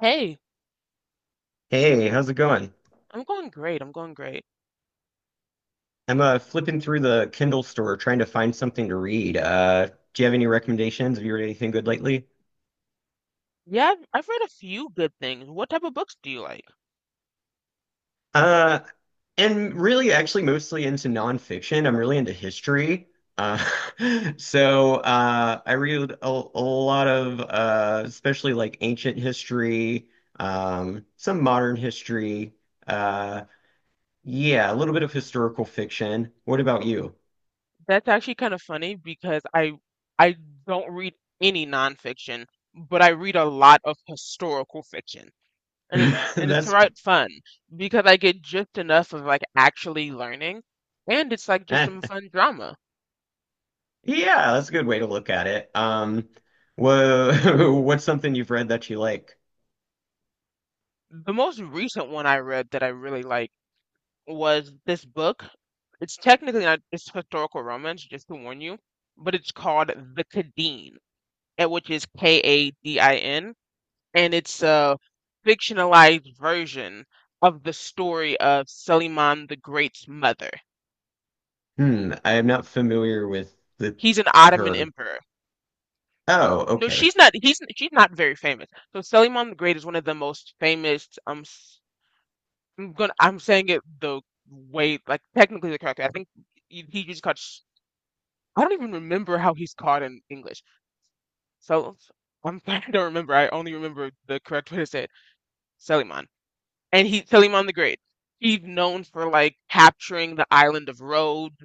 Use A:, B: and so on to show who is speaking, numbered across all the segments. A: Hey,
B: Hey, how's it going?
A: I'm going great. I'm going great.
B: I'm flipping through the Kindle store trying to find something to read. Do you have any recommendations? Have you read anything good lately?
A: Yeah, I've read a few good things. What type of books do you like?
B: Uh, and really, actually, mostly into nonfiction. I'm really into history. Uh, so I read a lot of, especially like ancient history, some modern history. Uh, yeah, a little bit of historical fiction. What about you?
A: That's actually kind of funny because I don't read any nonfiction, but I read a lot of historical fiction. And it's and it's
B: That's
A: quite fun because I get just enough of like actually learning, and it's like just some fun drama.
B: Yeah, that's a good way to look at it. What's something you've read that you like?
A: The most recent one I read that I really like was this book. It's technically not, it's historical romance, just to warn you, but it's called The Cadeen, and which is Kadin, and it's a fictionalized version of the story of Suleiman the Great's mother.
B: Hmm, I am not familiar with the
A: He's an Ottoman
B: her.
A: emperor.
B: Oh,
A: No,
B: okay.
A: she's not. He's she's not very famous. So Suleiman the Great is one of the most famous. S- I'm gonna. I'm saying it the way like technically the correct way. I think he I don't even remember how he's called in English. So I'm I don't remember. I only remember the correct way to say it. Suleiman. And he Salim on the Great. He's known for like capturing the island of Rhodes.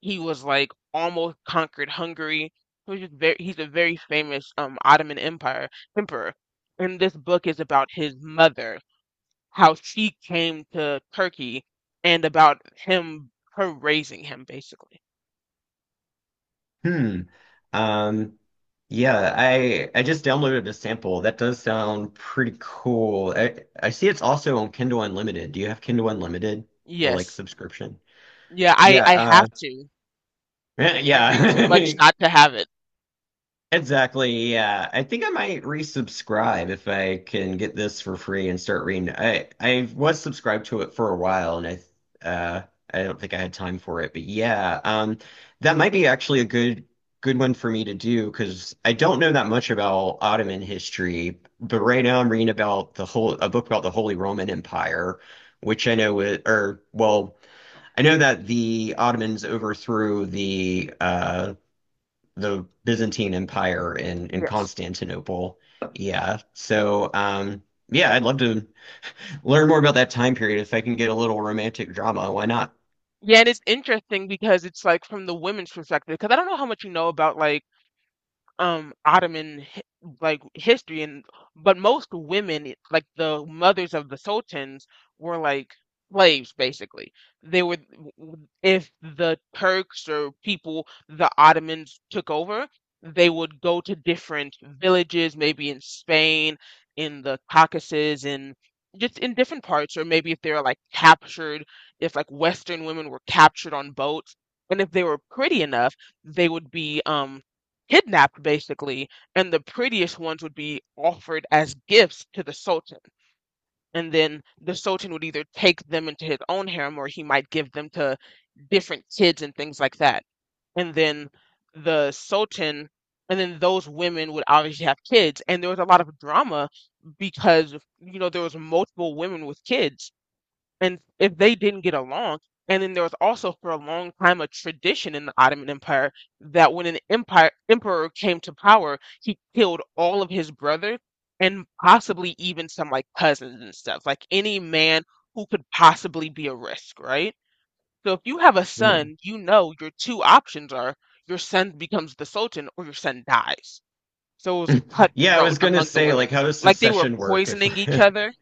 A: He was like almost conquered Hungary. He's a very famous Ottoman Empire emperor. And this book is about his mother, how she came to Turkey, and about him, her raising him basically.
B: Hmm. Um, yeah, I just downloaded a sample. That does sound pretty cool. I see it's also on Kindle Unlimited. Do you have Kindle Unlimited, the like
A: Yes.
B: subscription?
A: Yeah, I
B: Yeah,
A: I have to. I read too
B: yeah.
A: much not to have it.
B: Exactly. Yeah. I think I might resubscribe if I can get this for free and start reading. I was subscribed to it for a while and I I don't think I had time for it. But yeah, that might be actually a good one for me to do because I don't know that much about Ottoman history, but right now I'm reading about the whole a book about the Holy Roman Empire, which I know it, or well, I know that the Ottomans overthrew the Byzantine Empire in
A: Yes.
B: Constantinople. Yeah. So, yeah, I'd love to learn more about that time period if I can get a little romantic drama. Why not?
A: Yeah, and it's interesting because it's like from the women's perspective, because I don't know how much you know about like Ottoman like history. And but most women like the mothers of the sultans were like slaves basically. They if the Turks or people the Ottomans took over, they would go to different villages, maybe in Spain, in the Caucasus, in different parts, or maybe if they were like captured, if like Western women were captured on boats, and if they were pretty enough, they would be kidnapped basically, and the prettiest ones would be offered as gifts to the Sultan. And then the Sultan would either take them into his own harem, or he might give them to different kids and things like that. And then the Sultan, and then those women would obviously have kids. And there was a lot of drama because there was multiple women with kids, and if they didn't get along. And then there was also for a long time a tradition in the Ottoman Empire that when an empire emperor came to power, he killed all of his brothers, and possibly even some like cousins and stuff, like any man who could possibly be a risk, right? So if you have a
B: Hmm.
A: son, your two options are your son becomes the sultan or your son dies. So it was
B: Yeah, I
A: cutthroat
B: was gonna
A: among the
B: say,
A: women,
B: like, how does
A: like they were
B: secession work? If
A: poisoning each other.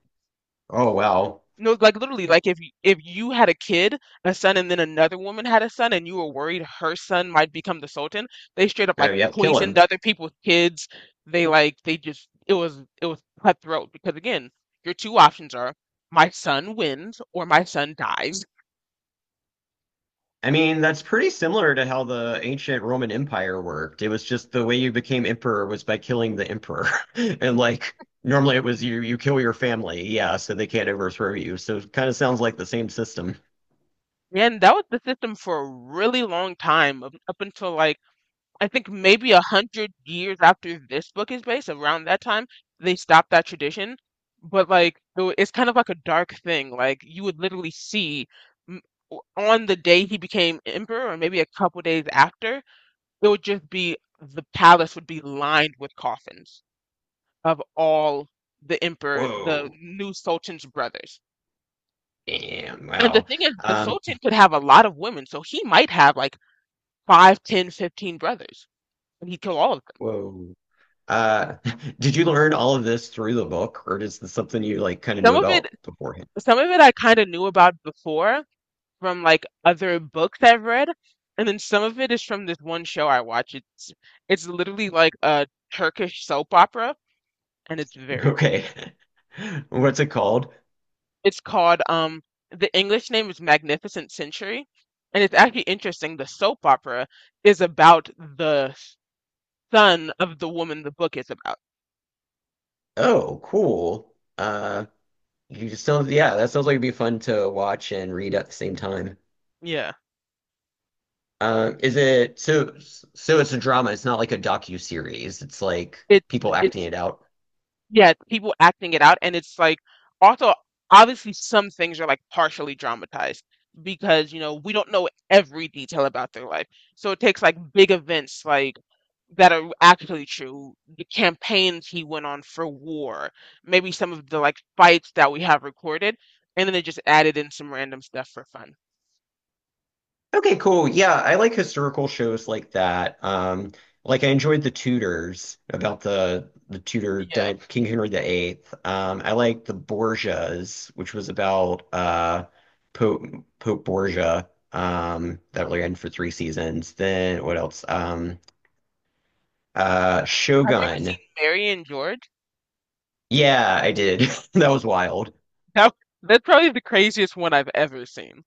B: oh well,
A: No, like literally, like if you had a kid, a son, and then another woman had a son, and you were worried her son might become the Sultan, they straight up like
B: oh yep, kill
A: poisoned
B: him.
A: other people's kids. They like they just It was cutthroat because again, your two options are my son wins or my son dies,
B: I mean, that's pretty similar to how the ancient Roman Empire worked. It was just the way you became emperor was by killing the emperor, and like normally it was you kill your family, yeah, so they can't overthrow you. So it kind of sounds like the same system.
A: and that was the system for a really long time up until, like, I think maybe a hundred years after this book is based, around that time, they stopped that tradition. But like, though, it's kind of like a dark thing. Like, you would literally see m- on the day he became emperor, or maybe a couple days after, it would just be the palace would be lined with coffins of all the emperor, the
B: Whoa.
A: new Sultan's brothers.
B: Damn.
A: And the
B: Wow.
A: thing is, the
B: Um,
A: Sultan could have a lot of women, so he might have like five, 10, 15 brothers, and he'd kill all of them.
B: whoa. Uh, did you learn all of this through the book, or is this something you like kind of
A: Some
B: knew
A: of it
B: about beforehand?
A: Some of it I kind of knew about before from like other books I've read, and then some of it is from this one show I watch. It's literally like a Turkish soap opera, and it's very funny.
B: Okay. What's it called?
A: It's called the English name is Magnificent Century, and it's actually interesting. The soap opera is about the son of the woman the book is about.
B: Oh, cool. You just sounds yeah, that sounds like it'd be fun to watch and read at the same time.
A: Yeah.
B: Is it so? So it's a drama. It's not like a docu-series. It's like people acting
A: It's
B: it out.
A: Yeah, people acting it out, and it's like also obviously some things are like partially dramatized because, you know, we don't know every detail about their life. So it takes like big events, like that are actually true, the campaigns he went on for war, maybe some of the like fights that we have recorded, and then they just added in some random stuff for fun.
B: Okay, cool. Yeah, I like historical shows like that. Like I enjoyed The Tudors about the
A: Yeah.
B: King Henry the Eighth. I like The Borgias, which was about Pope Pope Borgia. That ran for three seasons. Then what else?
A: Have you ever
B: Shogun.
A: seen Mary and George?
B: Yeah, I did. That was wild.
A: That, that's probably the craziest one I've ever seen.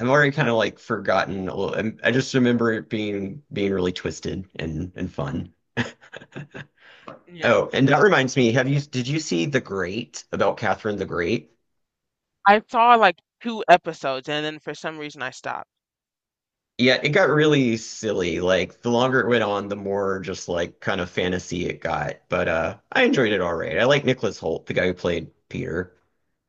B: I've already kind of like forgotten a little. I just remember it being really twisted and fun.
A: Yeah.
B: Oh, and that reminds me, have you did you see The Great about Catherine the Great?
A: I saw like 2 episodes and then for some reason I stopped.
B: Yeah, it got really silly. Like the longer it went on, the more just like kind of fantasy it got. But I enjoyed it all right. I like Nicholas Hoult, the guy who played Peter.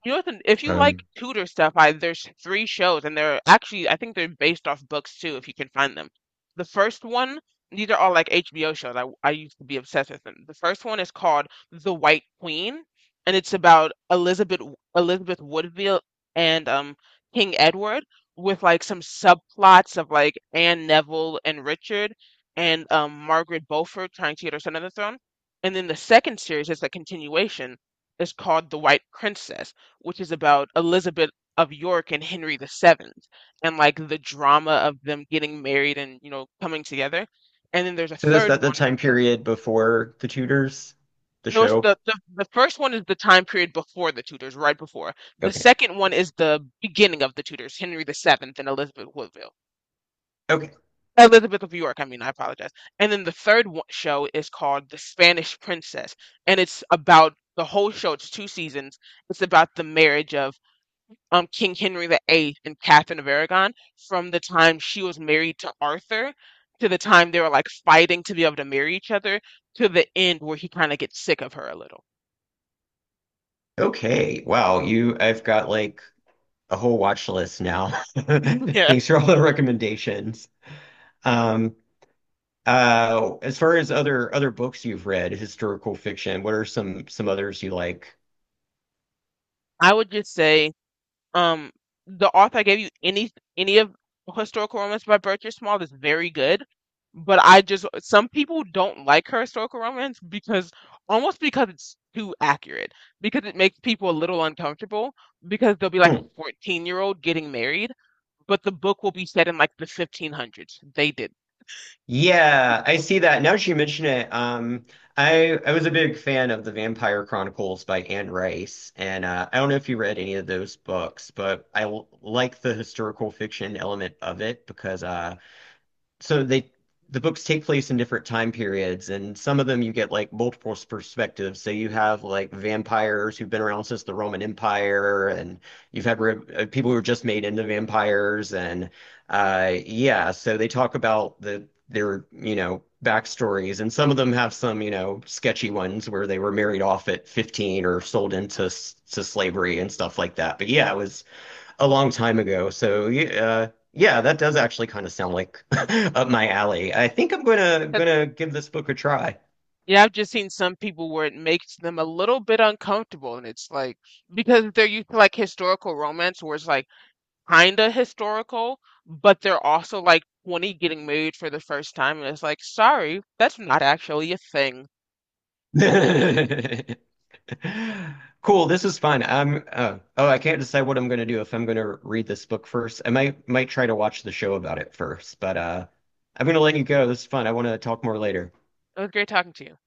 A: You know what, if you like
B: Um
A: Tudor stuff, I there's three shows, and they're actually, I think, they're based off books too, if you can find them. The first one, these are all like HBO shows. I used to be obsessed with them. The first one is called The White Queen, and it's about Elizabeth Woodville and King Edward, with like some subplots of like Anne Neville and Richard, and Margaret Beaufort trying to get her son on the throne. And then the second series is a continuation. It's called The White Princess, which is about Elizabeth of York and Henry the Seventh, and like the drama of them getting married and coming together. And then there's a
B: so that's
A: third
B: that the
A: one.
B: time period before The Tudors, the
A: No, it's
B: show?
A: the first one is the time period before the Tudors, right before. The
B: Okay.
A: second one is the beginning of the Tudors, Henry the Seventh and Elizabeth Woodville.
B: Okay.
A: Elizabeth of York, I mean, I apologize. And then the third show is called The Spanish Princess, and it's about the whole show. It's two seasons. It's about the marriage of King Henry the Eighth and Catherine of Aragon, from the time she was married to Arthur, to the time they were like fighting to be able to marry each other, to the end where he kind of gets sick of her a little.
B: Okay. Wow, you I've got like a whole watch list now.
A: Yeah.
B: Thanks for all the recommendations. Um as far as other books you've read, historical fiction, what are some others you like?
A: I would just say, Um, the author I gave you, any of historical romance by Bertrand Small is very good, but I just, some people don't like her historical romance because, almost because it's too accurate, because it makes people a little uncomfortable, because they'll be like a
B: Hmm.
A: 14-year-old getting married, but the book will be set in like the 1500s. They did.
B: Yeah, I see that. Now that you mention it, I was a big fan of The Vampire Chronicles by Anne Rice, and I don't know if you read any of those books, but like the historical fiction element of it because so they the books take place in different time periods, and some of them you get like multiple perspectives. So you have like vampires who've been around since the Roman Empire, and you've had re people who are just made into vampires, and yeah, so they talk about the their you know backstories, and some of them have some you know sketchy ones where they were married off at 15 or sold into to slavery and stuff like that. But yeah, it was a long time ago. So yeah, yeah, that does actually kind of sound like up my alley. I think I'm gonna
A: 'Cause-
B: give this book a try.
A: Yeah, I've just seen some people where it makes them a little bit uncomfortable, and it's like because they're used to like historical romance where it's like kinda historical, but they're also like 20 getting married for the first time, and it's like, sorry, that's not actually a thing.
B: Cool, this is fun. I'm oh, I can't decide what I'm gonna do if I'm gonna read this book first. I might try to watch the show about it first, but I'm gonna let you go. This is fun. I want to talk more later.
A: It was great talking to you.